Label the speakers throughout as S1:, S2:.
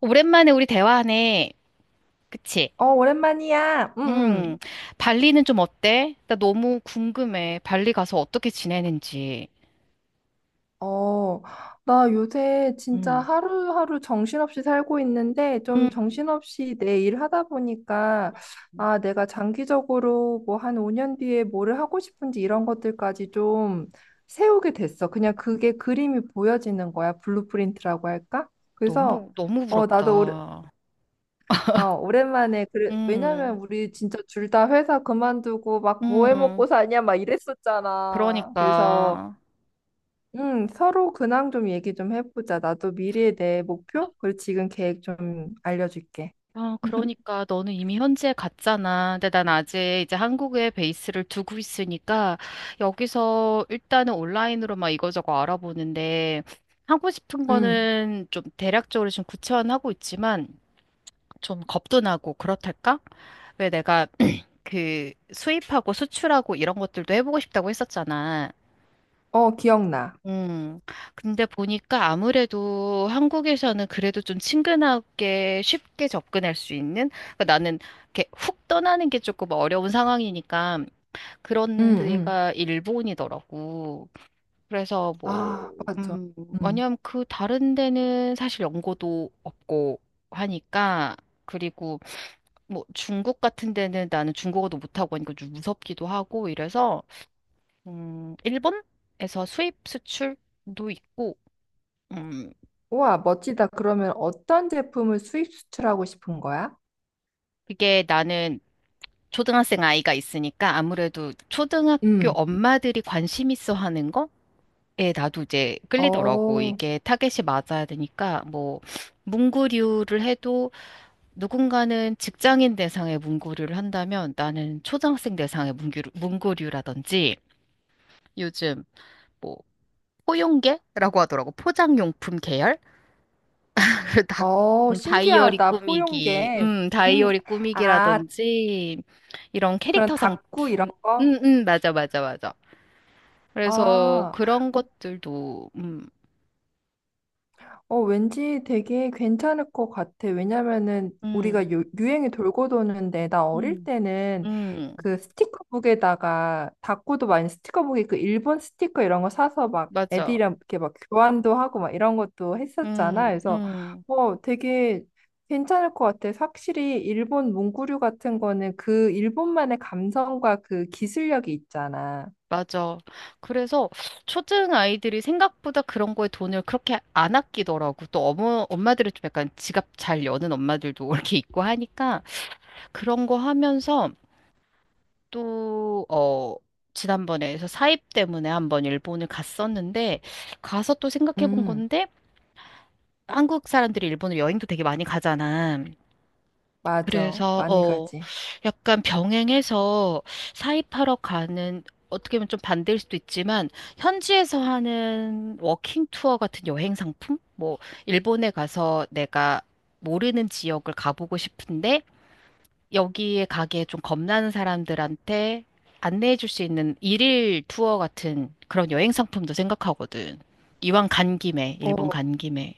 S1: 오랜만에 우리 대화하네. 그치?
S2: 어, 오랜만이야. 응,
S1: 음,
S2: 응.
S1: 발리는 좀 어때? 나 너무 궁금해. 발리 가서 어떻게 지내는지.
S2: 어, 나 요새 진짜
S1: 음,
S2: 하루하루 정신없이 살고 있는데, 좀
S1: 음,
S2: 정신없이 내일 하다 보니까, 아, 내가 장기적으로 뭐 한 5년 뒤에 뭐를 하고 싶은지 이런 것들까지 좀 세우게 됐어. 그냥 그게 그림이 보여지는 거야. 블루프린트라고 할까? 그래서,
S1: 너무, 너무
S2: 어, 나도 오래,
S1: 부럽다.
S2: 오랜만에, 그래, 왜냐면
S1: 음,
S2: 우리 진짜 둘 다 회사 그만두고 막 뭐해
S1: 음,
S2: 먹고 사냐 막 이랬었잖아. 그래서,
S1: 그러니까.
S2: 응, 서로 근황 좀 얘기 좀 해보자. 나도 미래에 대해 목표? 그리고 지금 계획 좀 알려줄게.
S1: 아, 그러니까 너는 이미 현지에 갔잖아. 근데 난 아직 이제 한국에 베이스를 두고 있으니까 여기서 일단은 온라인으로 막 이거저거 알아보는데, 하고 싶은
S2: 응,
S1: 거는 좀 대략적으로 지금 구체화는 하고 있지만 좀 겁도 나고 그렇달까? 왜 내가 그 수입하고 수출하고 이런 것들도 해보고 싶다고 했었잖아.
S2: 어, 기억나.
S1: 음. 근데 보니까 아무래도 한국에서는 그래도 좀 친근하게 쉽게 접근할 수 있는? 그러니까 나는 이렇게 훅 떠나는 게 조금 어려운 상황이니까
S2: 응,
S1: 그런
S2: 응,
S1: 데가 일본이더라고. 그래서 뭐,
S2: 아, 맞아.
S1: 음,
S2: 응.
S1: 왜냐면 그 다른 데는 사실 연고도 없고 하니까. 그리고 뭐 중국 같은 데는 나는 중국어도 못하고 하니까 좀 무섭기도 하고 이래서 일본에서 수입 수출도 있고. 음,
S2: 우와, 멋지다. 그러면 어떤 제품을 수입 수출하고 싶은 거야?
S1: 그게 나는 초등학생 아이가 있으니까 아무래도 초등학교
S2: 응.
S1: 엄마들이 관심 있어 하는 거에 나도 이제 끌리더라고.
S2: 어,
S1: 이게 타겟이 맞아야 되니까 뭐 문구류를 해도, 누군가는 직장인 대상의 문구류를 한다면 나는 초등학생 대상의 문구류, 문구류라든지 요즘 뭐 포용계라고 하더라고. 포장용품 계열? 다, 다이어리
S2: 신기하다.
S1: 꾸미기,
S2: 포용계. 음,
S1: 다이어리
S2: 아,
S1: 꾸미기라든지, 이런
S2: 그런
S1: 캐릭터
S2: 닭구 이런
S1: 상품.
S2: 거?
S1: 맞아, 맞아, 맞아. 그래서
S2: 아,
S1: 그런
S2: 뭐
S1: 것들도. 음.
S2: 왠지 되게 괜찮을 것 같아. 왜냐면은
S1: 음.
S2: 우리가 유행이 돌고 도는데 나 어릴
S1: 음.
S2: 때는
S1: 음.
S2: 그 스티커북에다가 다코도 많이 스티커북에 그 일본 스티커 이런 거 사서 막
S1: 맞아.
S2: 애들이랑 이렇게 막 교환도 하고 막 이런 것도
S1: 음.
S2: 했었잖아. 그래서
S1: 음.
S2: 어, 되게 괜찮을 것 같아. 확실히 일본 문구류 같은 거는 그 일본만의 감성과 그 기술력이 있잖아.
S1: 맞아. 그래서 초등 아이들이 생각보다 그런 거에 돈을 그렇게 안 아끼더라고. 또 엄마들은 좀 약간 지갑 잘 여는 엄마들도 이렇게 있고 하니까, 그런 거 하면서 또, 지난번에 해서 사입 때문에 한번 일본을 갔었는데, 가서 또 생각해 본
S2: 음,
S1: 건데, 한국 사람들이 일본을 여행도 되게 많이 가잖아.
S2: 맞아.
S1: 그래서,
S2: 많이 가지.
S1: 약간 병행해서 사입하러 가는, 어떻게 보면 좀 반대일 수도 있지만, 현지에서 하는 워킹 투어 같은 여행 상품? 뭐, 일본에 가서 내가 모르는 지역을 가보고 싶은데, 여기에 가게 좀 겁나는 사람들한테 안내해 줄 수 있는 일일 투어 같은 그런 여행 상품도 생각하거든. 이왕 간 김에, 일본
S2: 어,
S1: 간 김에.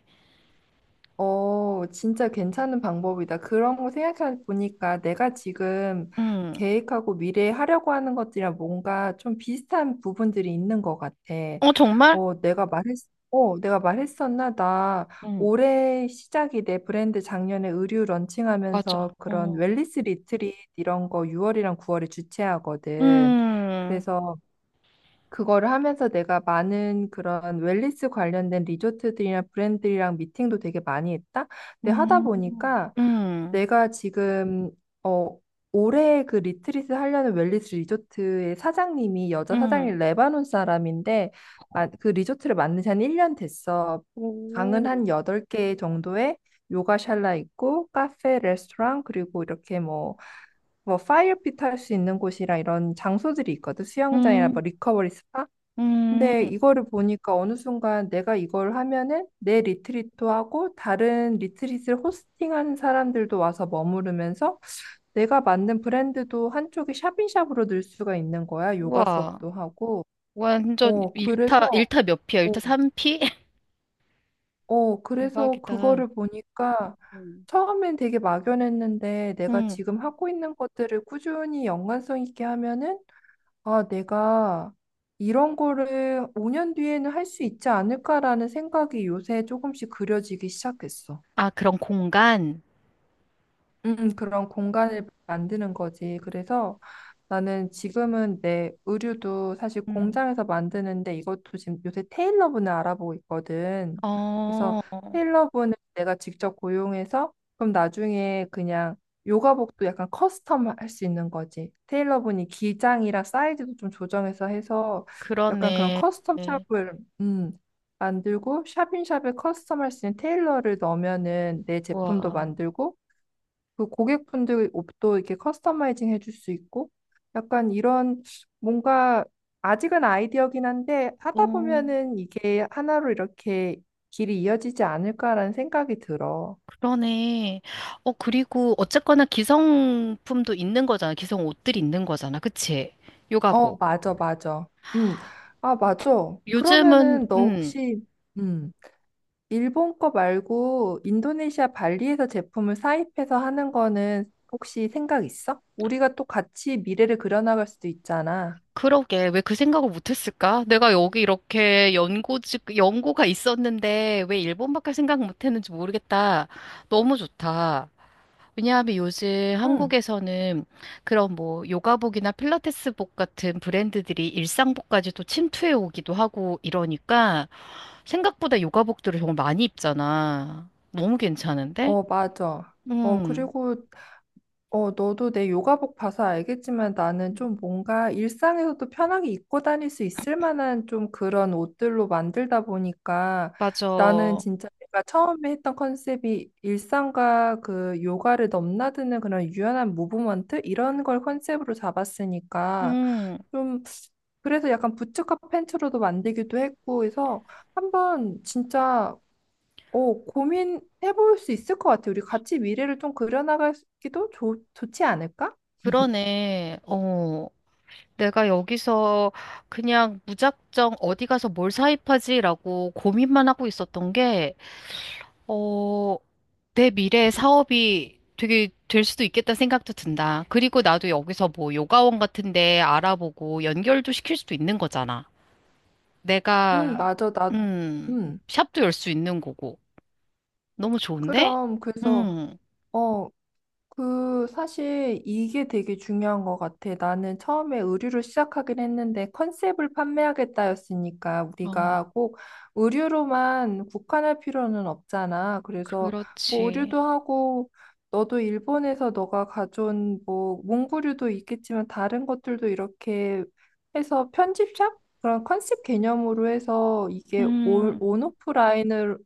S2: 진짜 괜찮은 방법이다. 그런 거 생각해 보니까 내가 지금
S1: 음,
S2: 계획하고 미래에 하려고 하는 것들이랑 뭔가 좀 비슷한 부분들이 있는 것 같아.
S1: 어, 정말?
S2: 어, 내가 말했었나? 나
S1: 응,
S2: 올해 시작이 내 브랜드 작년에 의류
S1: 맞아.
S2: 런칭하면서 그런
S1: 어.
S2: 웰니스 리트릿 이런 거 6월이랑 9월에 주최하거든.
S1: 음.
S2: 그래서 그거를 하면서 내가 많은 그런 웰니스 관련된 리조트들이나 브랜드랑 미팅도 되게 많이 했다. 근데 하다
S1: 음.
S2: 보니까
S1: 음.
S2: 내가 지금 어 올해 그 리트릿을 하려는 웰니스 리조트의 사장님이 여자 사장이
S1: 음.
S2: 레바논 사람인데 그 리조트를 만든 지 한 1년 됐어. 방은
S1: 오,
S2: 한 8개 정도에 요가 샬라 있고 카페, 레스토랑 그리고 이렇게 뭐 파이어핏 할 수 있는 곳이랑 이런 장소들이 있거든. 수영장이나
S1: 음,
S2: 뭐 리커버리 스파.
S1: 음.
S2: 근데 이거를 보니까 어느 순간 내가 이걸 하면은 내 리트리트도 하고 다른 리트릿을 호스팅하는 사람들도 와서 머무르면서 내가 만든 브랜드도 한쪽에 샵인샵으로 늘 수가 있는 거야. 요가
S1: 우와.
S2: 수업도 하고.
S1: 완전
S2: 어, 그래서,
S1: 일타 몇 피야?
S2: 어,
S1: 일타 삼피.
S2: 그래서
S1: 대박이다.
S2: 그거를 보니까
S1: 음.
S2: 처음엔 되게 막연했는데 내가
S1: 음.
S2: 지금 하고 있는 것들을 꾸준히 연관성 있게 하면은 아, 내가 이런 거를 5년 뒤에는 할 수 있지 않을까라는 생각이 요새 조금씩 그려지기 시작했어.
S1: 아, 그런 공간?
S2: 그런 공간을 만드는 거지. 그래서 나는 지금은 내 의류도 사실 공장에서 만드는데 이것도 지금 요새 테일러분을 알아보고 있거든. 그래서
S1: 어,
S2: 테일러분을 내가 직접 고용해서 그럼 나중에 그냥 요가복도 약간 커스텀 할 수 있는 거지. 테일러분이 기장이랑 사이즈도 좀 조정해서 해서 약간 그런
S1: 그러네.
S2: 커스텀
S1: 네.
S2: 샵을 음, 만들고 샵인샵에 커스텀 할 수 있는 테일러를 넣으면은 내 제품도
S1: 와,
S2: 만들고 그 고객분들 옷도 이렇게 커스터마이징 해줄 수 있고 약간 이런 뭔가 아직은 아이디어긴 한데 하다
S1: 어,
S2: 보면은 이게 하나로 이렇게 길이 이어지지 않을까라는 생각이 들어.
S1: 그러네. 어, 그리고 어쨌거나 기성품도 있는 거잖아. 기성 옷들이 있는 거잖아. 그치?
S2: 어,
S1: 요가복.
S2: 맞아, 맞아. 음, 아, 맞아.
S1: 요즘은,
S2: 그러면은 너 혹시 음, 일본 거 말고 인도네시아 발리에서 제품을 사입해서 하는 거는 혹시 생각 있어? 우리가 또 같이 미래를 그려나갈 수도 있잖아.
S1: 그러게. 왜 그 생각을 못 했을까? 내가 여기 이렇게 연고지, 연고가 있었는데 왜 일본밖에 생각 못 했는지 모르겠다. 너무 좋다. 왜냐하면 요즘 한국에서는 그런 뭐 요가복이나 필라테스복 같은 브랜드들이 일상복까지도 침투해 오기도 하고 이러니까, 생각보다 요가복들을 정말 많이 입잖아. 너무 괜찮은데?
S2: 어, 맞아. 어,
S1: 음,
S2: 그리고, 너도 내 요가복 봐서 알겠지만 나는 좀 뭔가 일상에서도 편하게 입고 다닐 수 있을 만한 좀 그런 옷들로 만들다 보니까 나는
S1: 맞아.
S2: 진짜 내가 처음에 했던 컨셉이 일상과 그 요가를 넘나드는 그런 유연한 무브먼트? 이런 걸 컨셉으로 잡았으니까
S1: 음,
S2: 좀 그래서 약간 부츠컷 팬츠로도 만들기도 했고 해서 한번 진짜 고민해볼 수 있을 것 같아. 우리 같이 미래를 좀 그려나가기도 좋지 않을까?
S1: 그러네. 어. 내가 여기서 그냥 무작정 어디 가서 뭘 사입하지라고 고민만 하고 있었던 게, 어, 내 미래 사업이 되게 될 수도 있겠다 생각도 든다. 그리고 나도 여기서 뭐 요가원 같은 데 알아보고 연결도 시킬 수도 있는 거잖아.
S2: 응,
S1: 내가,
S2: 맞아.
S1: 음,
S2: 음
S1: 샵도 열 수 있는 거고. 너무 좋은데?
S2: 그럼, 그래서,
S1: 음,
S2: 어, 사실 이게 되게 중요한 것 같아. 나는 처음에 의류를 시작하긴 했는데 컨셉을 판매하겠다였으니까
S1: 어,
S2: 우리가 꼭 의류로만 국한할 필요는 없잖아. 그래서 뭐
S1: 그렇지.
S2: 의류도 하고 너도 일본에서 너가 가져온 뭐 문구류도 있겠지만 다른 것들도 이렇게 해서 편집샵? 그런 컨셉 개념으로 해서 이게
S1: 음,
S2: 온오프라인을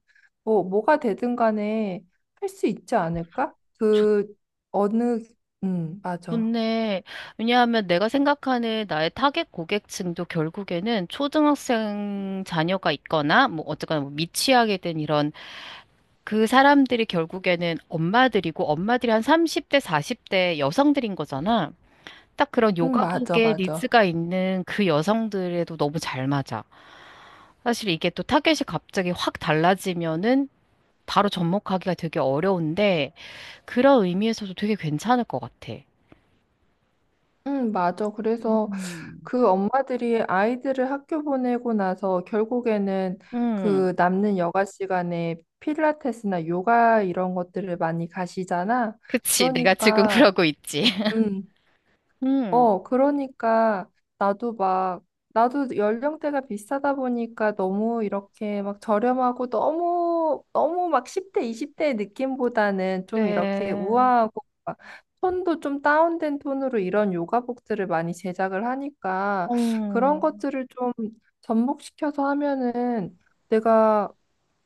S2: 뭐, 뭐가 되든 간에 할 수 있지 않을까?
S1: 좋,
S2: 어느, 맞아.
S1: 좋네. 왜냐하면 내가 생각하는 나의 타겟 고객층도 결국에는 초등학생 자녀가 있거나, 뭐, 어쨌거나 뭐 미취학에 된 이런 그 사람들이 결국에는 엄마들이고, 엄마들이 한 30대, 40대 여성들인 거잖아. 딱 그런
S2: 맞아,
S1: 요가복에
S2: 맞아.
S1: 니즈가 있는 그 여성들에도 너무 잘 맞아. 사실 이게 또 타겟이 갑자기 확 달라지면은 바로 접목하기가 되게 어려운데, 그런 의미에서도 되게 괜찮을 것 같아.
S2: 맞아. 그래서
S1: 음.
S2: 그 엄마들이 아이들을 학교 보내고 나서 결국에는
S1: 음.
S2: 그 남는 여가 시간에 필라테스나 요가 이런 것들을 많이 가시잖아.
S1: 그치. 내가 지금
S2: 그러니까,
S1: 그러고 있지.
S2: 음,
S1: 음.
S2: 그러니까 나도 막 나도 연령대가 비슷하다 보니까 너무 이렇게 막 저렴하고 너무 너무 막 10대, 20대의 느낌보다는 좀 이렇게
S1: 그래.
S2: 우아하고 막 톤도 좀 다운된 톤으로 이런 요가복들을 많이 제작을 하니까 그런
S1: 음.
S2: 것들을 좀 접목시켜서 하면은 내가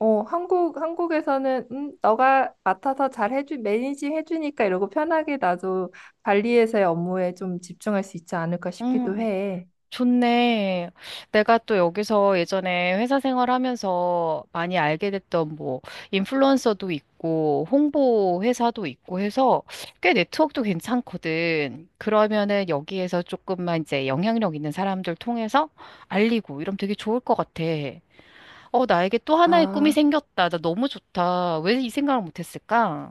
S2: 한국에서는, 너가 맡아서 매니징 해주니까 이러고 편하게 나도 관리에서의 업무에 좀 집중할 수 있지 않을까 싶기도
S1: 음.
S2: 해.
S1: 좋네. 내가 또 여기서 예전에 회사 생활하면서 많이 알게 됐던 뭐 인플루언서도 있고 홍보 회사도 있고 해서 꽤 네트워크도 괜찮거든. 그러면은 여기에서 조금만 이제 영향력 있는 사람들 통해서 알리고 이러면 되게 좋을 것 같아. 어, 나에게 또 하나의 꿈이
S2: 아,
S1: 생겼다. 나 너무 좋다. 왜 이 생각을 못 했을까?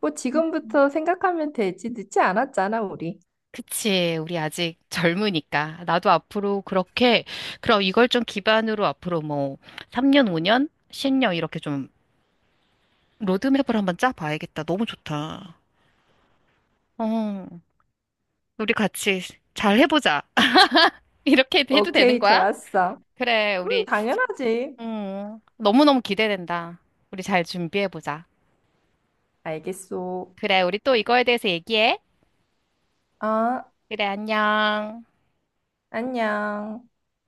S2: 뭐 지금부터 생각하면 되지. 늦지 않았잖아, 우리.
S1: 그치. 우리 아직 젊으니까. 나도 앞으로 그렇게, 그럼 이걸 좀 기반으로 앞으로 뭐, 3년, 5년, 10년 이렇게 좀 로드맵을 한번 짜봐야겠다. 너무 좋다. 어, 우리 같이 잘 해보자. 이렇게 해도 되는
S2: 오케이,
S1: 거야?
S2: 좋았어.
S1: 그래, 우리,
S2: 당연하지.
S1: 너무너무 기대된다. 우리 잘 준비해보자.
S2: 알겠어.
S1: 그래, 우리 또 이거에 대해서 얘기해.
S2: 아,
S1: 그래, 안녕.
S2: 안녕.